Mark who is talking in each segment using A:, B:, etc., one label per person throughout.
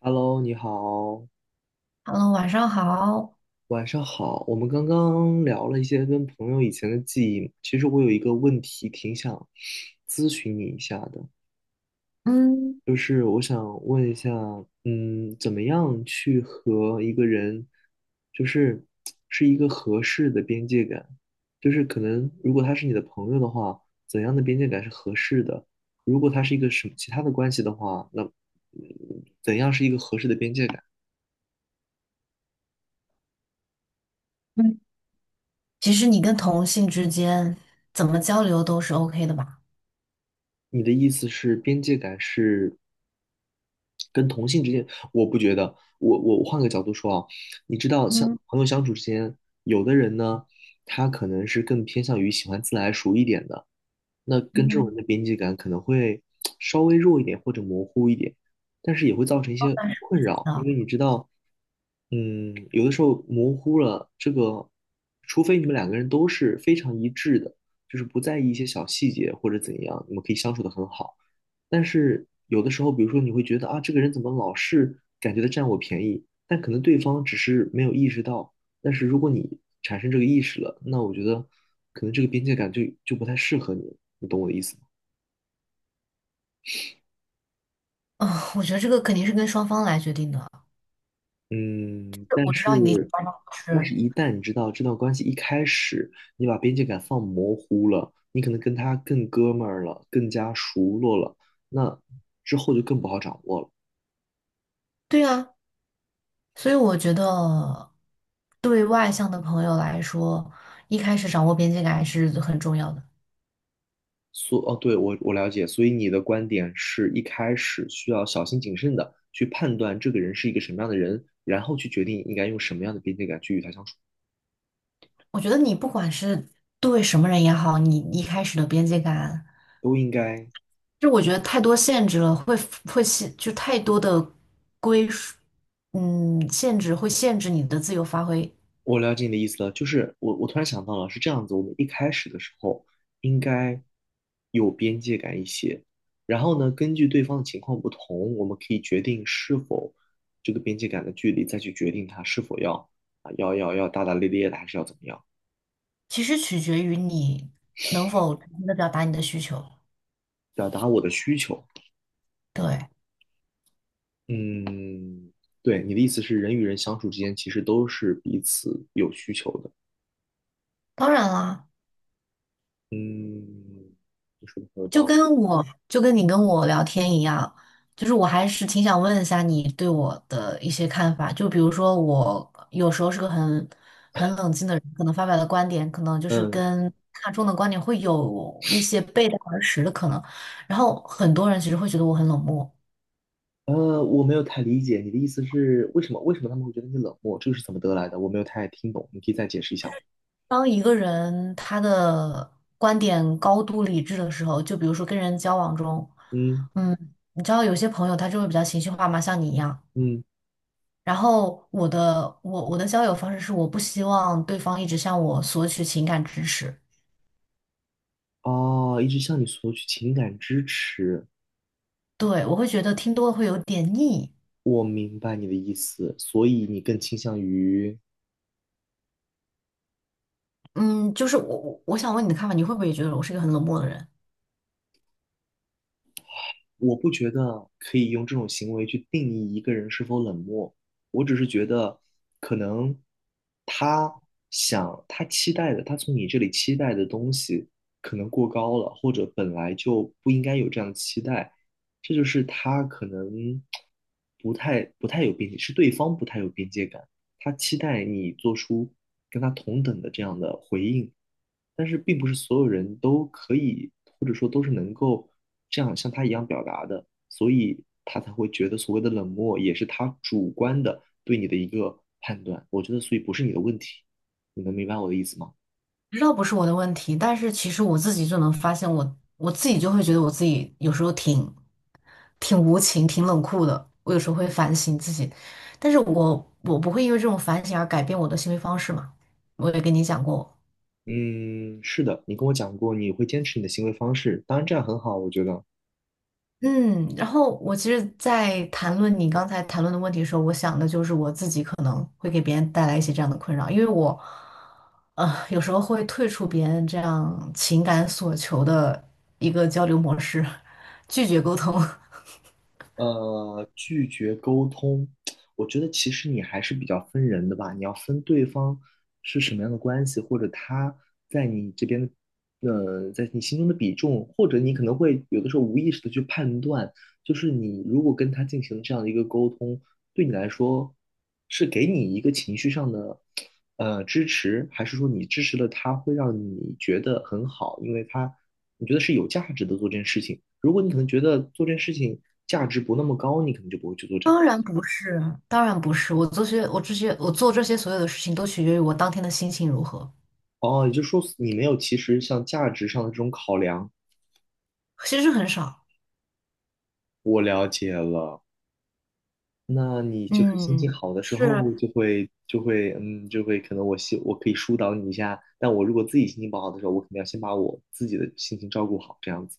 A: Hello，你好，
B: Hello，晚上好。
A: 晚上好。我们刚刚聊了一些跟朋友以前的记忆，其实我有一个问题挺想咨询你一下的，
B: 嗯
A: 就是我想问一下，嗯，怎么样去和一个人，就是是一个合适的边界感，就是可能如果他是你的朋友的话，怎样的边界感是合适的？如果他是一个什么其他的关系的话，那嗯怎样是一个合适的边界感？
B: 嗯，其实你跟同性之间怎么交流都是 OK 的吧？
A: 你的意思是边界感是？跟同性之间，我不觉得。我换个角度说啊，你知道，像
B: 嗯
A: 朋友相处之间，有的人呢，他可能是更偏向于喜欢自来熟一点的，那跟这种
B: 嗯，
A: 人的边界感可能会稍微弱一点或者模糊一点，但是也会造成一些
B: 当然是
A: 困扰，因
B: 啊。
A: 为你知道，嗯，有的时候模糊了这个，除非你们两个人都是非常一致的，就是不在意一些小细节或者怎样，你们可以相处得很好。但是有的时候，比如说你会觉得啊，这个人怎么老是感觉他占我便宜，但可能对方只是没有意识到。但是如果你产生这个意识了，那我觉得可能这个边界感就不太适合你，你懂我的意思吗？
B: 哦，我觉得这个肯定是跟双方来决定的。
A: 嗯，但
B: 我知道你的意思。
A: 是，但
B: 是，
A: 是，一旦你知道这段关系一开始你把边界感放模糊了，你可能跟他更哥们儿了，更加熟络了，那之后就更不好掌握了。
B: 对啊，所以我觉得对外向的朋友来说，一开始掌握边界感还是很重要的。
A: 所哦，对，我了解，所以你的观点是一开始需要小心谨慎的去判断这个人是一个什么样的人，然后去决定应该用什么样的边界感去与他相处，
B: 我觉得你不管是对什么人也好，你一开始的边界感。
A: 都应该。
B: 就我觉得太多限制了，会会限，就太多的归属，嗯，限制会限制你的自由发挥。
A: 我了解你的意思了，就是我突然想到了，是这样子，我们一开始的时候应该有边界感一些，然后呢，根据对方的情况不同，我们可以决定是否这个边界感的距离，再去决定他是否要啊要大大咧咧的，还是要怎么样，
B: 其实取决于你能否真的表达你的需求。
A: 表达我的需求。
B: 对，
A: 嗯，对，你的意思是人与人相处之间其实都是彼此有需求的。
B: 当然啦。
A: 嗯，你说的很有
B: 就
A: 道理。
B: 跟我就跟你跟我聊天一样，就是我还是挺想问一下你对我的一些看法。就比如说，我有时候是个很冷静的人，可能发表的观点可能就是
A: 嗯，
B: 跟大众的观点会有一些背道而驰的可能。然后很多人其实会觉得我很冷漠。
A: 我没有太理解你的意思是为什么？为什么他们会觉得你冷漠？这个是怎么得来的？我没有太听懂，你可以再解释一下吗？
B: 当一个人他的观点高度理智的时候，就比如说跟人交往中，
A: 嗯
B: 嗯，你知道有些朋友他就会比较情绪化嘛，像你一样。
A: 嗯，
B: 然后我的交友方式是我不希望对方一直向我索取情感支持。
A: 哦，一直向你索取情感支持，
B: 对，我会觉得听多了会有点腻。
A: 我明白你的意思，所以你更倾向于
B: 嗯，就是我想问你的看法，你会不会也觉得我是一个很冷漠的人？
A: 我不觉得可以用这种行为去定义一个人是否冷漠，我只是觉得可能他想他期待的，他从你这里期待的东西可能过高了，或者本来就不应该有这样的期待，这就是他可能不太有边界，是对方不太有边界感。他期待你做出跟他同等的这样的回应，但是并不是所有人都可以，或者说都是能够这样像他一样表达的，所以他才会觉得所谓的冷漠也是他主观的对你的一个判断。我觉得，所以不是你的问题，你能明白我的意思吗？
B: 知道不是我的问题，但是其实我自己就能发现我自己就会觉得我自己有时候挺无情、挺冷酷的。我有时候会反省自己，但是我不会因为这种反省而改变我的行为方式嘛。我也跟你讲过。
A: 嗯，是的，你跟我讲过你会坚持你的行为方式，当然这样很好，我觉得。
B: 嗯，然后我其实，在谈论你刚才谈论的问题的时候，我想的就是我自己可能会给别人带来一些这样的困扰，因为我，有时候会退出别人这样情感所求的一个交流模式，拒绝沟通。
A: 拒绝沟通，我觉得其实你还是比较分人的吧。你要分对方是什么样的关系，或者他在你这边的，在你心中的比重，或者你可能会有的时候无意识的去判断，就是你如果跟他进行这样的一个沟通，对你来说是给你一个情绪上的支持，还是说你支持了他会让你觉得很好，因为他你觉得是有价值的做这件事情。如果你可能觉得做这件事情价值不那么高，你可能就不会去做这样。
B: 当然不是，当然不是，我做这些所有的事情都取决于我当天的心情如何，
A: 哦，也就是说你没有其实像价值上的这种考量。
B: 其实很少。
A: 我了解了，那你就是心
B: 嗯，
A: 情好的时
B: 是。
A: 候就会嗯就会可能我可以疏导你一下，但我如果自己心情不好的时候，我肯定要先把我自己的心情照顾好，这样子。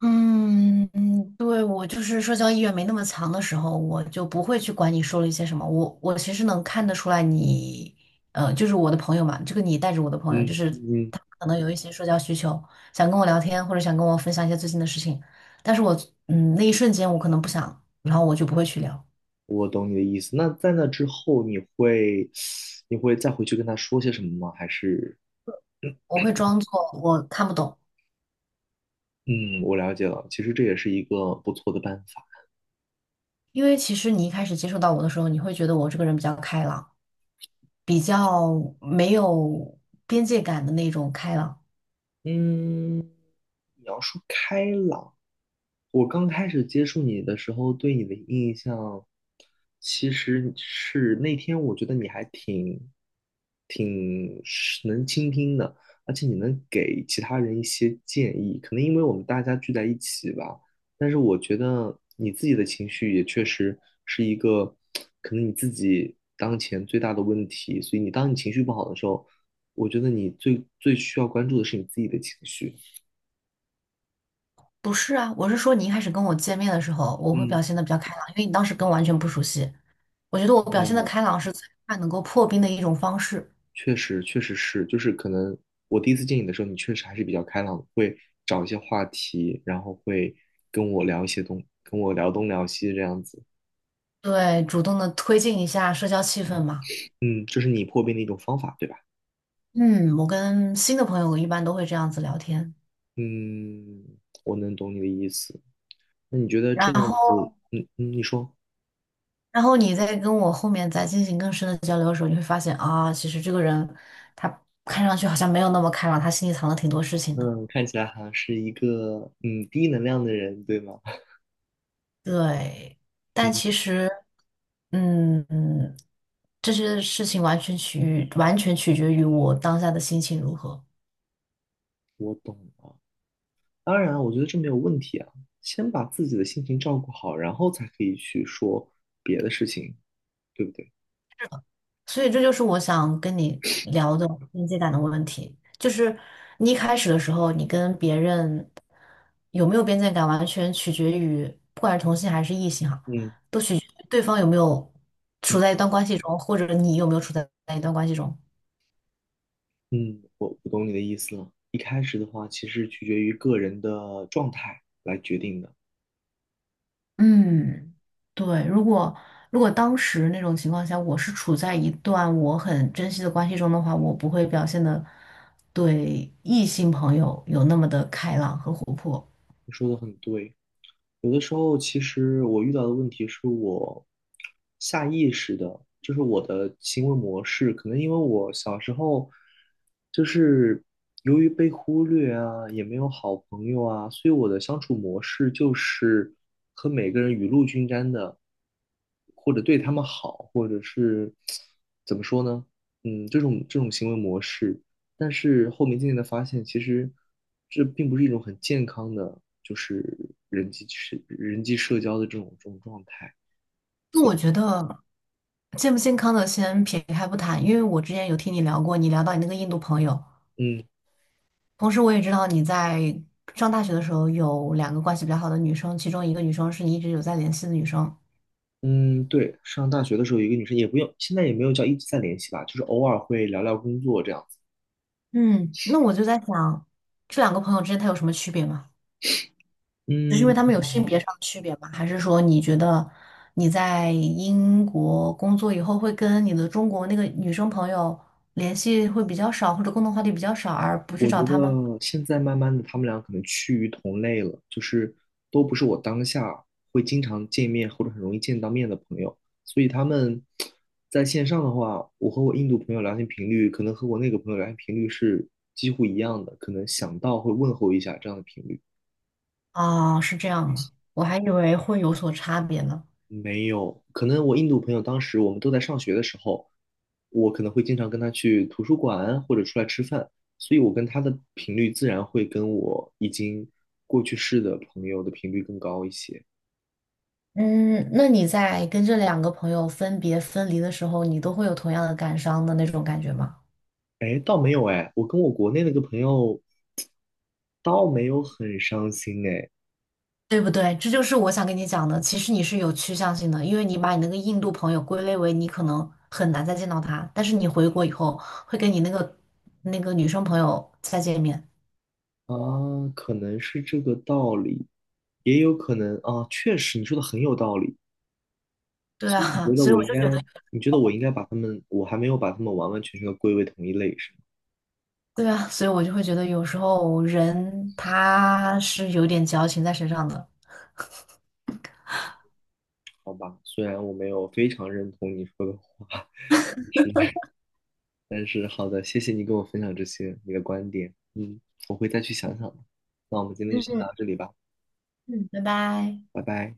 B: 嗯,对，我就是社交意愿没那么强的时候，我就不会去管你说了一些什么。我其实能看得出来你，呃，就是我的朋友嘛，这个你带着我的朋友，就
A: 嗯
B: 是
A: 嗯，
B: 他可能有一些社交需求，想跟我聊天或者想跟我分享一些最近的事情，但是我嗯那一瞬间我可能不想，然后我就不会去聊，
A: 我懂你的意思。那在那之后，你会 你会再回去跟他说些什么吗？还是？
B: 我会装作我看不懂，
A: 嗯，我了解了。其实这也是一个不错的办法。
B: 因为其实你一开始接触到我的时候，你会觉得我这个人比较开朗，比较没有边界感的那种开朗。
A: 嗯，你要说开朗，我刚开始接触你的时候，对你的印象，其实是那天我觉得你还挺是能倾听的，而且你能给其他人一些建议。可能因为我们大家聚在一起吧，但是我觉得你自己的情绪也确实是一个可能你自己当前最大的问题。所以你当你情绪不好的时候，我觉得你最需要关注的是你自己的情绪。
B: 不是啊，我是说你一开始跟我见面的时候，我会
A: 嗯，
B: 表现的比较开朗，因为你当时跟我完全不熟悉。我觉得我表现的开朗是最快能够破冰的一种方式。
A: 确实是，就是可能我第一次见你的时候，你确实还是比较开朗的，会找一些话题，然后会跟我聊东聊西这样子。
B: 对，主动的推进一下社交气氛嘛。
A: 嗯，这是你破冰的一种方法，对吧？
B: 嗯，我跟新的朋友一般都会这样子聊天。
A: 嗯，我能懂你的意思。那你觉得
B: 然
A: 这样
B: 后，
A: 子，嗯嗯，你说，
B: 然后你再跟我后面再进行更深的交流的时候，你会发现啊，其实这个人他看上去好像没有那么开朗，他心里藏了挺多事情的。
A: 嗯，看起来好像是一个嗯低能量的人，对吗？
B: 对，但其
A: 嗯，
B: 实，嗯。这些事情完全取决于我当下的心情如何，
A: 我懂了。当然啊，我觉得这没有问题啊。先把自己的心情照顾好，然后才可以去说别的事情，对不对？
B: 所以这就是我想跟你聊的边界感的问题。就是你一开始的时候，你跟别人有没有边界感，完全取决于不管是同性还是异性哈，
A: 嗯
B: 对方有没有
A: 嗯
B: 处在一段关系中，或者你有没有处在一段关系中。
A: 嗯，我懂你的意思了。一开始的话，其实取决于个人的状态来决定的。
B: 嗯，对，如果如果当时那种情况下，我是处在一段我很珍惜的关系中的话，我不会表现的对异性朋友有那么的开朗和活泼。
A: 你说的很对。有的时候，其实我遇到的问题是我下意识的，就是我的行为模式，可能因为我小时候就是由于被忽略啊，也没有好朋友啊，所以我的相处模式就是和每个人雨露均沾的，或者对他们好，或者是怎么说呢？嗯，这种行为模式。但是后面渐渐的发现，其实这并不是一种很健康的。就是人际社交的这种状态，
B: 就
A: 所以
B: 我觉得健不健康的先撇开不谈，因为我之前有听你聊过，你聊到你那个印度朋友，
A: 嗯
B: 同时我也知道你在上大学的时候有两个关系比较好的女生，其中一个女生是你一直有在联系的女生。
A: 嗯，对，上大学的时候有一个女生也不用，现在也没有叫一直在联系吧，就是偶尔会聊聊工作这样子。
B: 嗯，那我就在想，这两个朋友之间她有什么区别吗？只是因为
A: 嗯，
B: 他们有性别上的区别吗？还是说你觉得你在英国工作以后会跟你的中国那个女生朋友联系会比较少，或者共同话题比较少，而不去
A: 我觉
B: 找她吗？
A: 得现在慢慢的他们俩可能趋于同类了，就是都不是我当下会经常见面或者很容易见到面的朋友，所以他们在线上的话，我和我印度朋友聊天频率可能和我那个朋友聊天频率是几乎一样的，可能想到会问候一下这样的频率。
B: 啊，是这样吗？我还以为会有所差别呢。
A: 没有，可能我印度朋友当时我们都在上学的时候，我可能会经常跟他去图书馆或者出来吃饭，所以我跟他的频率自然会跟我已经过去式的朋友的频率更高一些。
B: 嗯，那你在跟这两个朋友分别分离的时候，你都会有同样的感伤的那种感觉吗？
A: 哎，倒没有哎，我跟我国内那个朋友倒没有很伤心哎，
B: 对不对？这就是我想跟你讲的。其实你是有趋向性的，因为你把你那个印度朋友归类为你可能很难再见到他，但是你回国以后会跟你那个那个女生朋友再见面。
A: 啊，可能是这个道理，也有可能啊，确实你说的很有道理，
B: 对
A: 所以你觉
B: 啊，
A: 得
B: 所以
A: 我
B: 我
A: 应
B: 就觉得，
A: 该，你觉得我应该把他们，我还没有把他们完完全全的归为同一类，是吗？
B: 对啊，所以我就会觉得有时候人他是有点矫情在身上的。
A: 好吧，虽然我没有非常认同你说的话，是，但是好的，谢谢你跟我分享这些你的观点，嗯，我会再去想想的。那我们今天就先
B: 嗯
A: 聊到这里吧，
B: 嗯，拜拜。
A: 拜拜。